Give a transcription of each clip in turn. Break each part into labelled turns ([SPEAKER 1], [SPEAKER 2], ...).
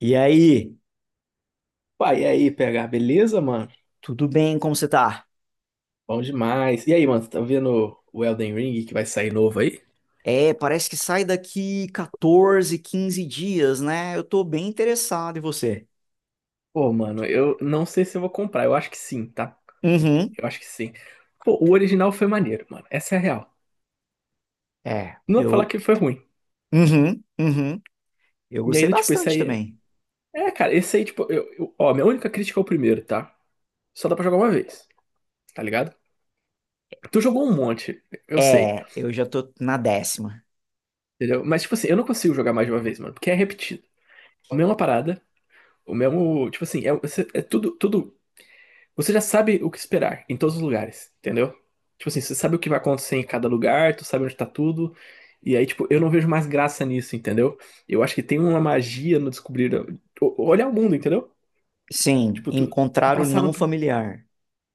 [SPEAKER 1] E aí,
[SPEAKER 2] Pai, e aí, PH, beleza, mano?
[SPEAKER 1] tudo bem? Como você tá?
[SPEAKER 2] Bom demais. E aí, mano, tá vendo o Elden Ring que vai sair novo aí?
[SPEAKER 1] É, parece que sai daqui 14, 15 dias, né? Eu tô bem interessado em você.
[SPEAKER 2] Pô, mano, eu não sei se eu vou comprar. Eu acho que sim, tá?
[SPEAKER 1] Uhum.
[SPEAKER 2] Eu acho que sim. Pô, o original foi maneiro, mano. Essa é a real.
[SPEAKER 1] É,
[SPEAKER 2] Não dá pra falar
[SPEAKER 1] eu.
[SPEAKER 2] que foi ruim.
[SPEAKER 1] Uhum, uhum. Eu
[SPEAKER 2] E aí,
[SPEAKER 1] gostei
[SPEAKER 2] do tipo, esse
[SPEAKER 1] bastante
[SPEAKER 2] aí.
[SPEAKER 1] também.
[SPEAKER 2] É, cara, esse aí, tipo, ó, minha única crítica é o primeiro, tá? Só dá pra jogar uma vez, tá ligado? Tu jogou um monte, eu sei,
[SPEAKER 1] É, eu já tô na décima.
[SPEAKER 2] entendeu? Mas, tipo assim, eu não consigo jogar mais de uma vez, mano, porque é repetido. A mesma parada, o mesmo. Tipo assim, é, é tudo. Você já sabe o que esperar em todos os lugares, entendeu? Tipo assim, você sabe o que vai acontecer em cada lugar, tu sabe onde tá tudo. E aí, tipo, eu não vejo mais graça nisso, entendeu? Eu acho que tem uma magia no descobrir. Olhar o mundo, entendeu?
[SPEAKER 1] Sim,
[SPEAKER 2] Tipo, tu
[SPEAKER 1] encontrar o não familiar.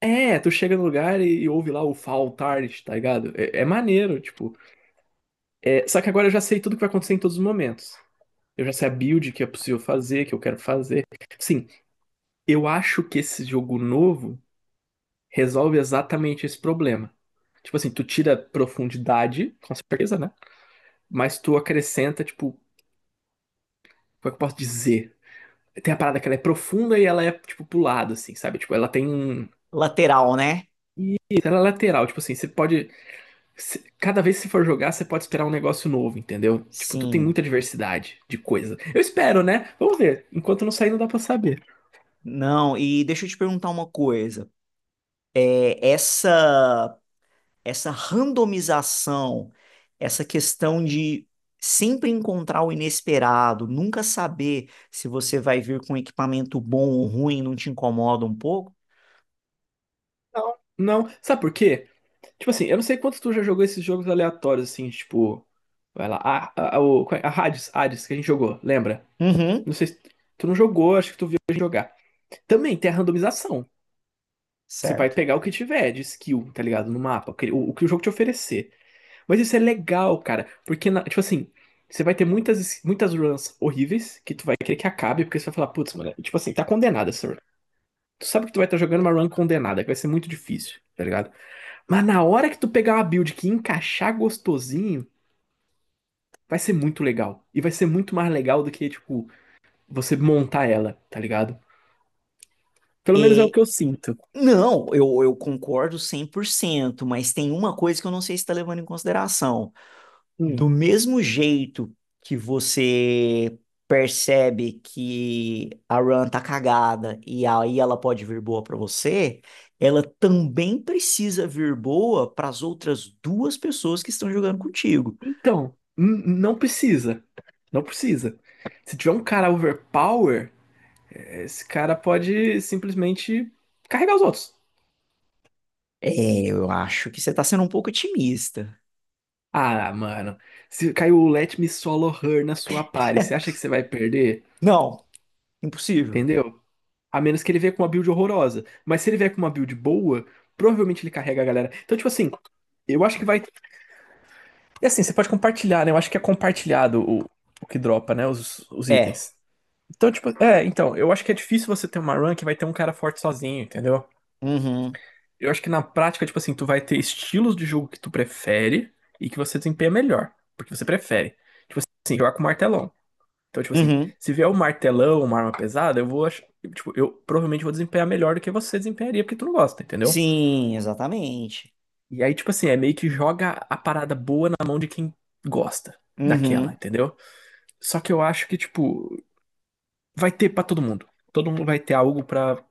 [SPEAKER 2] É, tu chega no lugar e ouve lá o Fall Tart, tá ligado? É, é maneiro, tipo. É, só que agora eu já sei tudo que vai acontecer em todos os momentos. Eu já sei a build que é possível fazer, que eu quero fazer. Sim, eu acho que esse jogo novo resolve exatamente esse problema. Tipo assim, tu tira profundidade, com certeza, né? Mas tu acrescenta, tipo, como é que eu posso dizer? Tem a parada que ela é profunda e ela é, tipo, pro lado, assim, sabe? Tipo, ela
[SPEAKER 1] Lateral, né?
[SPEAKER 2] Ela é lateral, tipo assim, você pode. Se- Cada vez que você for jogar, você pode esperar um negócio novo, entendeu? Tipo, tu tem
[SPEAKER 1] Sim.
[SPEAKER 2] muita diversidade de coisa. Eu espero, né? Vamos ver. Enquanto não sair, não dá pra saber.
[SPEAKER 1] Não, e deixa eu te perguntar uma coisa. É, essa randomização, essa questão de sempre encontrar o inesperado, nunca saber se você vai vir com equipamento bom ou ruim, não te incomoda um pouco?
[SPEAKER 2] Não, não. Sabe por quê? Tipo assim, eu não sei quantos tu já jogou esses jogos aleatórios, assim, tipo. Vai lá, qual é? A Hades, que a gente jogou, lembra?
[SPEAKER 1] Uhum,
[SPEAKER 2] Não sei se tu não jogou, acho que tu viu a gente jogar. Também tem a randomização. Você vai
[SPEAKER 1] certo.
[SPEAKER 2] pegar o que tiver de skill, tá ligado? No mapa, o, que o que o jogo te oferecer. Mas isso é legal, cara, porque, tipo assim, você vai ter muitas runs horríveis que tu vai querer que acabe, porque você vai falar, putz, mano, tipo assim, tá condenada essa run. Tu sabe que tu vai estar jogando uma run condenada, que vai ser muito difícil, tá ligado? Mas na hora que tu pegar uma build que encaixar gostosinho, vai ser muito legal. E vai ser muito mais legal do que, tipo, você montar ela, tá ligado? Pelo menos é o
[SPEAKER 1] É,
[SPEAKER 2] que eu sinto.
[SPEAKER 1] não, eu concordo 100%, mas tem uma coisa que eu não sei se está levando em consideração.
[SPEAKER 2] Hum.
[SPEAKER 1] Do mesmo jeito que você percebe que a run tá cagada e aí ela pode vir boa pra você, ela também precisa vir boa para as outras duas pessoas que estão jogando contigo.
[SPEAKER 2] Então, não precisa. Não precisa. Se tiver um cara overpower, esse cara pode simplesmente carregar os outros.
[SPEAKER 1] É, eu acho que você tá sendo um pouco otimista.
[SPEAKER 2] Ah, mano. Se caiu o Let Me Solo Her na sua party, você acha que você vai perder?
[SPEAKER 1] Não, impossível.
[SPEAKER 2] Entendeu? A menos que ele venha com uma build horrorosa. Mas se ele vier com uma build boa, provavelmente ele carrega a galera. Então, tipo assim, eu acho que vai. E assim, você pode compartilhar, né? Eu acho que é compartilhado o que dropa, né? Os
[SPEAKER 1] É.
[SPEAKER 2] itens. Então, tipo, é, então, eu acho que é difícil você ter uma run que vai ter um cara forte sozinho, entendeu?
[SPEAKER 1] Uhum.
[SPEAKER 2] Eu acho que na prática, tipo assim, tu vai ter estilos de jogo que tu prefere e que você desempenha melhor, porque você prefere. Tipo assim, jogar com martelão. Então, tipo assim,
[SPEAKER 1] Uhum.
[SPEAKER 2] se vier um martelão, uma arma pesada, eu vou achar. Tipo, eu provavelmente vou desempenhar melhor do que você desempenharia, porque tu não gosta, entendeu?
[SPEAKER 1] Sim, exatamente.
[SPEAKER 2] E aí, tipo assim, é meio que joga a parada boa na mão de quem gosta daquela,
[SPEAKER 1] Uhum.
[SPEAKER 2] entendeu? Só que eu acho que, tipo, vai ter pra todo mundo. Todo mundo vai ter algo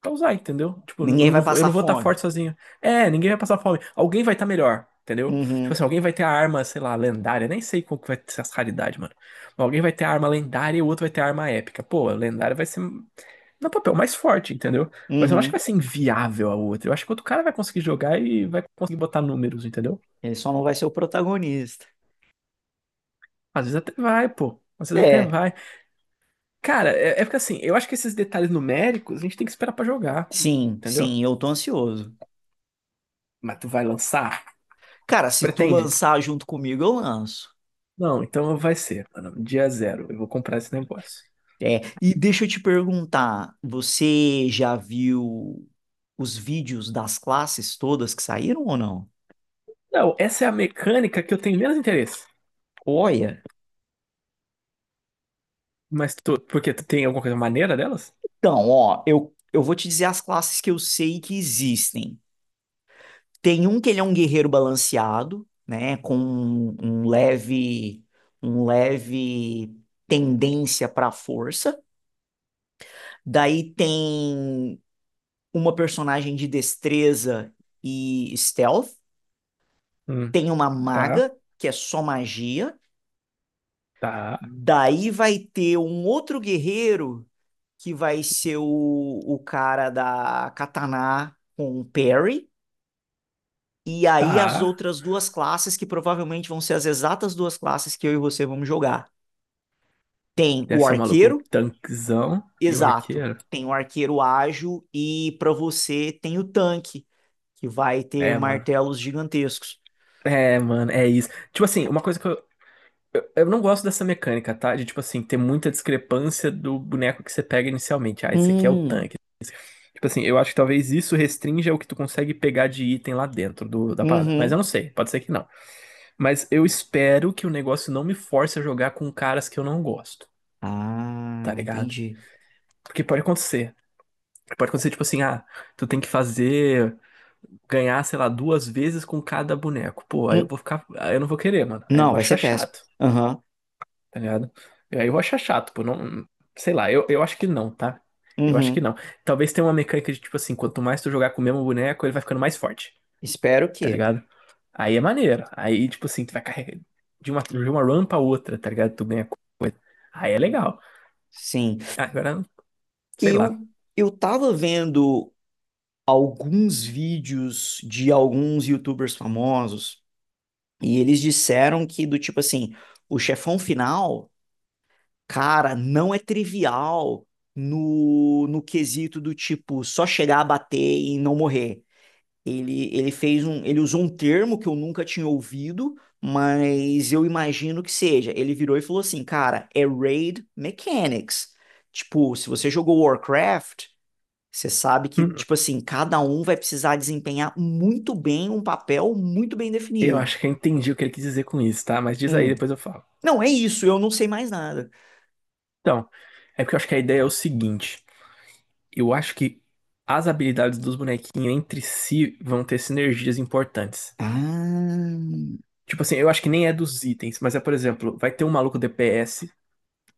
[SPEAKER 2] pra usar, entendeu? Tipo,
[SPEAKER 1] Ninguém vai
[SPEAKER 2] eu
[SPEAKER 1] passar
[SPEAKER 2] não vou estar
[SPEAKER 1] fome.
[SPEAKER 2] forte sozinho. É, ninguém vai passar fome. Alguém vai estar melhor, entendeu? Tipo
[SPEAKER 1] Uhum.
[SPEAKER 2] assim, alguém vai ter a arma, sei lá, lendária. Nem sei qual que vai ser as raridades, mano. Mas alguém vai ter a arma lendária e o outro vai ter a arma épica. Pô, a lendária vai ser no papel mais forte, entendeu? Mas eu não acho que
[SPEAKER 1] Uhum.
[SPEAKER 2] vai ser inviável a outra. Eu acho que outro cara vai conseguir jogar e vai conseguir botar números, entendeu?
[SPEAKER 1] Ele só não vai ser o protagonista.
[SPEAKER 2] Às vezes até vai, pô. Às vezes até
[SPEAKER 1] É.
[SPEAKER 2] vai. Cara, é, é porque assim, eu acho que esses detalhes numéricos a gente tem que esperar pra jogar,
[SPEAKER 1] Sim,
[SPEAKER 2] entendeu?
[SPEAKER 1] sim, eu tô ansioso.
[SPEAKER 2] Mas tu vai lançar?
[SPEAKER 1] Cara, se tu
[SPEAKER 2] Pretende?
[SPEAKER 1] lançar junto comigo, eu lanço.
[SPEAKER 2] Não, então vai ser, mano. Dia zero. Eu vou comprar esse negócio.
[SPEAKER 1] É, e deixa eu te perguntar, você já viu os vídeos das classes todas que saíram ou não?
[SPEAKER 2] Não, essa é a mecânica que eu tenho menos interesse.
[SPEAKER 1] Olha,
[SPEAKER 2] Mas tu, por quê? Tu tem alguma coisa maneira delas?
[SPEAKER 1] então, ó, eu vou te dizer as classes que eu sei que existem. Tem um que ele é um guerreiro balanceado, né, com um leve tendência para força. Daí tem uma personagem de destreza e stealth,
[SPEAKER 2] Hum,
[SPEAKER 1] tem uma
[SPEAKER 2] tá,
[SPEAKER 1] maga, que é só magia,
[SPEAKER 2] tá,
[SPEAKER 1] daí vai ter um outro guerreiro, que vai ser o cara da katana com o parry, e aí as
[SPEAKER 2] tá.
[SPEAKER 1] outras duas classes, que provavelmente vão ser as exatas duas classes que eu e você vamos jogar. Tem
[SPEAKER 2] Deve
[SPEAKER 1] o
[SPEAKER 2] ser o maluco, o
[SPEAKER 1] arqueiro,
[SPEAKER 2] tanquezão e o
[SPEAKER 1] exato.
[SPEAKER 2] arqueiro.
[SPEAKER 1] Tem o arqueiro ágil e para você tem o tanque, que vai ter
[SPEAKER 2] É, mano.
[SPEAKER 1] martelos gigantescos.
[SPEAKER 2] É, mano, é isso. Tipo assim, uma coisa que eu não gosto dessa mecânica, tá? De, tipo assim, ter muita discrepância do boneco que você pega inicialmente. Ah, esse aqui é o
[SPEAKER 1] Hum.
[SPEAKER 2] tanque. Tipo assim, eu acho que talvez isso restrinja o que tu consegue pegar de item lá dentro do, da parada. Mas eu
[SPEAKER 1] Uhum.
[SPEAKER 2] não sei, pode ser que não. Mas eu espero que o negócio não me force a jogar com caras que eu não gosto, tá
[SPEAKER 1] Ah,
[SPEAKER 2] ligado?
[SPEAKER 1] entendi.
[SPEAKER 2] Porque pode acontecer. Pode acontecer, tipo assim, ah, tu tem que fazer, ganhar, sei lá, duas vezes com cada boneco. Pô, aí eu
[SPEAKER 1] Hum.
[SPEAKER 2] vou ficar, aí eu não vou querer, mano. Aí eu
[SPEAKER 1] Não,
[SPEAKER 2] vou
[SPEAKER 1] vai ser
[SPEAKER 2] achar
[SPEAKER 1] péssimo.
[SPEAKER 2] chato,
[SPEAKER 1] Aham.
[SPEAKER 2] tá ligado? Aí eu vou achar chato, pô, não, sei lá, eu acho que não, tá? Eu acho que
[SPEAKER 1] Uhum.
[SPEAKER 2] não. Talvez tenha uma mecânica de, tipo assim, quanto mais tu jogar com o mesmo boneco, ele vai ficando mais forte.
[SPEAKER 1] Espero
[SPEAKER 2] Tá
[SPEAKER 1] que.
[SPEAKER 2] ligado? Aí é maneiro. Aí, tipo assim, tu vai carregando de uma run pra outra, tá ligado? Tu ganha coisa. Aí é legal.
[SPEAKER 1] Sim.
[SPEAKER 2] Ah, agora, sei lá.
[SPEAKER 1] Eu, eu tava vendo alguns vídeos de alguns YouTubers famosos e eles disseram que, do tipo assim, o chefão final, cara, não é trivial no, no quesito do tipo só chegar a bater e não morrer. Ele ele usou um termo que eu nunca tinha ouvido, mas eu imagino que seja. Ele virou e falou assim, cara, é raid mechanics. Tipo, se você jogou Warcraft, você sabe que,
[SPEAKER 2] Hum.
[SPEAKER 1] tipo assim, cada um vai precisar desempenhar muito bem um papel muito bem
[SPEAKER 2] Eu
[SPEAKER 1] definido.
[SPEAKER 2] acho que eu entendi o que ele quis dizer com isso, tá? Mas diz aí,
[SPEAKER 1] Hum.
[SPEAKER 2] depois eu falo.
[SPEAKER 1] Não, é isso, eu não sei mais nada.
[SPEAKER 2] Então, é porque eu acho que a ideia é o seguinte. Eu acho que as habilidades dos bonequinhos entre si vão ter sinergias importantes.
[SPEAKER 1] Ah,
[SPEAKER 2] Tipo assim, eu acho que nem é dos itens, mas é, por exemplo, vai ter um maluco DPS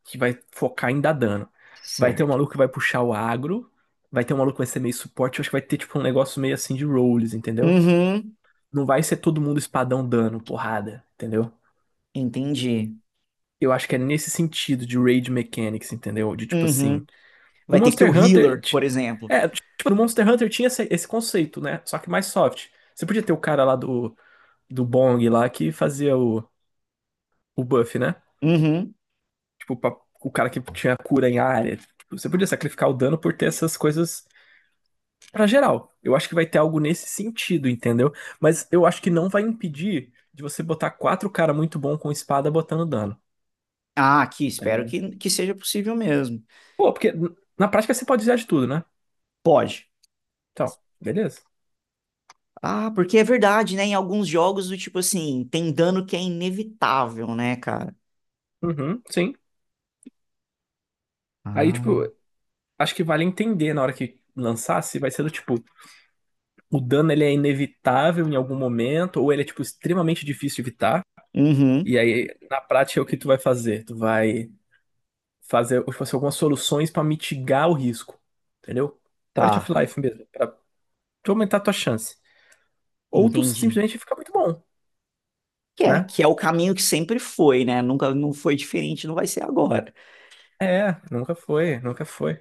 [SPEAKER 2] que vai focar em dar dano. Vai ter um
[SPEAKER 1] certo.
[SPEAKER 2] maluco que vai puxar o agro, vai ter um maluco que vai ser meio suporte, eu acho que vai ter tipo um negócio meio assim de roles, entendeu?
[SPEAKER 1] Uhum,
[SPEAKER 2] Não vai ser todo mundo espadão dano, porrada, entendeu?
[SPEAKER 1] entendi.
[SPEAKER 2] Eu acho que é nesse sentido de raid mechanics, entendeu? De tipo assim,
[SPEAKER 1] Uhum.
[SPEAKER 2] no
[SPEAKER 1] Vai ter que ter o healer, por exemplo.
[SPEAKER 2] É, tipo, no Monster Hunter tinha esse conceito, né? Só que mais soft. Você podia ter o cara lá do Bong lá que fazia o buff, né?
[SPEAKER 1] Uhum.
[SPEAKER 2] Tipo, o cara que tinha cura em área. Tipo, você podia sacrificar o dano por ter essas coisas pra geral. Eu acho que vai ter algo nesse sentido, entendeu? Mas eu acho que não vai impedir de você botar quatro cara muito bom com espada botando dano,
[SPEAKER 1] Ah, aqui,
[SPEAKER 2] tá
[SPEAKER 1] espero
[SPEAKER 2] ligado?
[SPEAKER 1] que seja possível mesmo.
[SPEAKER 2] Pô, porque na prática você pode usar de tudo, né?
[SPEAKER 1] Pode.
[SPEAKER 2] Então, beleza.
[SPEAKER 1] Ah, porque é verdade, né? Em alguns jogos do tipo assim, tem dano que é inevitável, né, cara?
[SPEAKER 2] Uhum, sim. Aí,
[SPEAKER 1] Ah.
[SPEAKER 2] tipo, acho que vale entender na hora que lançar se vai ser do tipo, o dano ele é inevitável em algum momento, ou ele é, tipo, extremamente difícil de evitar.
[SPEAKER 1] Uhum,
[SPEAKER 2] E aí, na prática, é o que tu vai fazer? Tu vai fazer, tipo assim, algumas soluções pra mitigar o risco, entendeu? Quality of
[SPEAKER 1] tá,
[SPEAKER 2] life mesmo. Tu aumentar a tua chance. Ou tu
[SPEAKER 1] entendi.
[SPEAKER 2] simplesmente fica muito bom,
[SPEAKER 1] Que é,
[SPEAKER 2] né?
[SPEAKER 1] que é o caminho que sempre foi, né? Nunca não foi diferente, não vai ser agora.
[SPEAKER 2] É, nunca foi, nunca foi.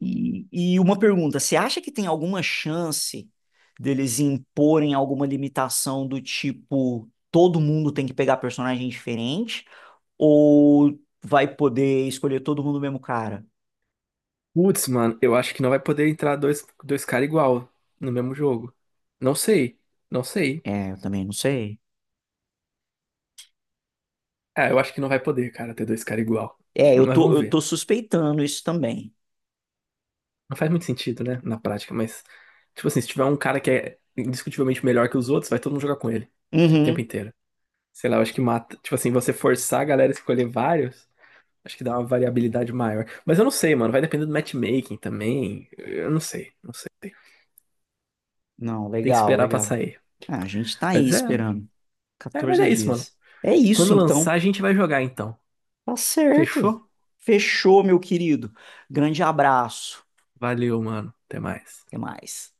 [SPEAKER 1] E, e uma pergunta, você acha que tem alguma chance deles imporem alguma limitação do tipo todo mundo tem que pegar personagem diferente? Ou vai poder escolher todo mundo o mesmo cara?
[SPEAKER 2] Putz, mano, eu acho que não vai poder entrar dois caras igual no mesmo jogo. Não sei, não sei.
[SPEAKER 1] É, eu também não sei.
[SPEAKER 2] É, eu acho que não vai poder, cara, ter dois caras igual.
[SPEAKER 1] É, eu
[SPEAKER 2] Mas
[SPEAKER 1] tô,
[SPEAKER 2] vamos
[SPEAKER 1] eu
[SPEAKER 2] ver.
[SPEAKER 1] tô suspeitando isso também.
[SPEAKER 2] Não faz muito sentido, né, na prática, mas... Tipo assim, se tiver um cara que é indiscutivelmente melhor que os outros, vai todo mundo jogar com ele. O tempo
[SPEAKER 1] Uhum.
[SPEAKER 2] inteiro. Sei lá, eu acho que mata. Tipo assim, você forçar a galera a escolher vários, acho que dá uma variabilidade maior. Mas eu não sei, mano. Vai depender do matchmaking também. Eu não sei, não sei.
[SPEAKER 1] Não,
[SPEAKER 2] Tem que
[SPEAKER 1] legal,
[SPEAKER 2] esperar pra
[SPEAKER 1] legal.
[SPEAKER 2] sair.
[SPEAKER 1] Ah, a gente tá aí
[SPEAKER 2] Mas
[SPEAKER 1] esperando.
[SPEAKER 2] mas
[SPEAKER 1] 14
[SPEAKER 2] é isso, mano.
[SPEAKER 1] dias. É isso,
[SPEAKER 2] Quando lançar,
[SPEAKER 1] então.
[SPEAKER 2] a gente vai jogar então.
[SPEAKER 1] Tá certo.
[SPEAKER 2] Fechou?
[SPEAKER 1] Fechou, meu querido. Grande abraço.
[SPEAKER 2] Valeu, mano. Até mais.
[SPEAKER 1] Até mais.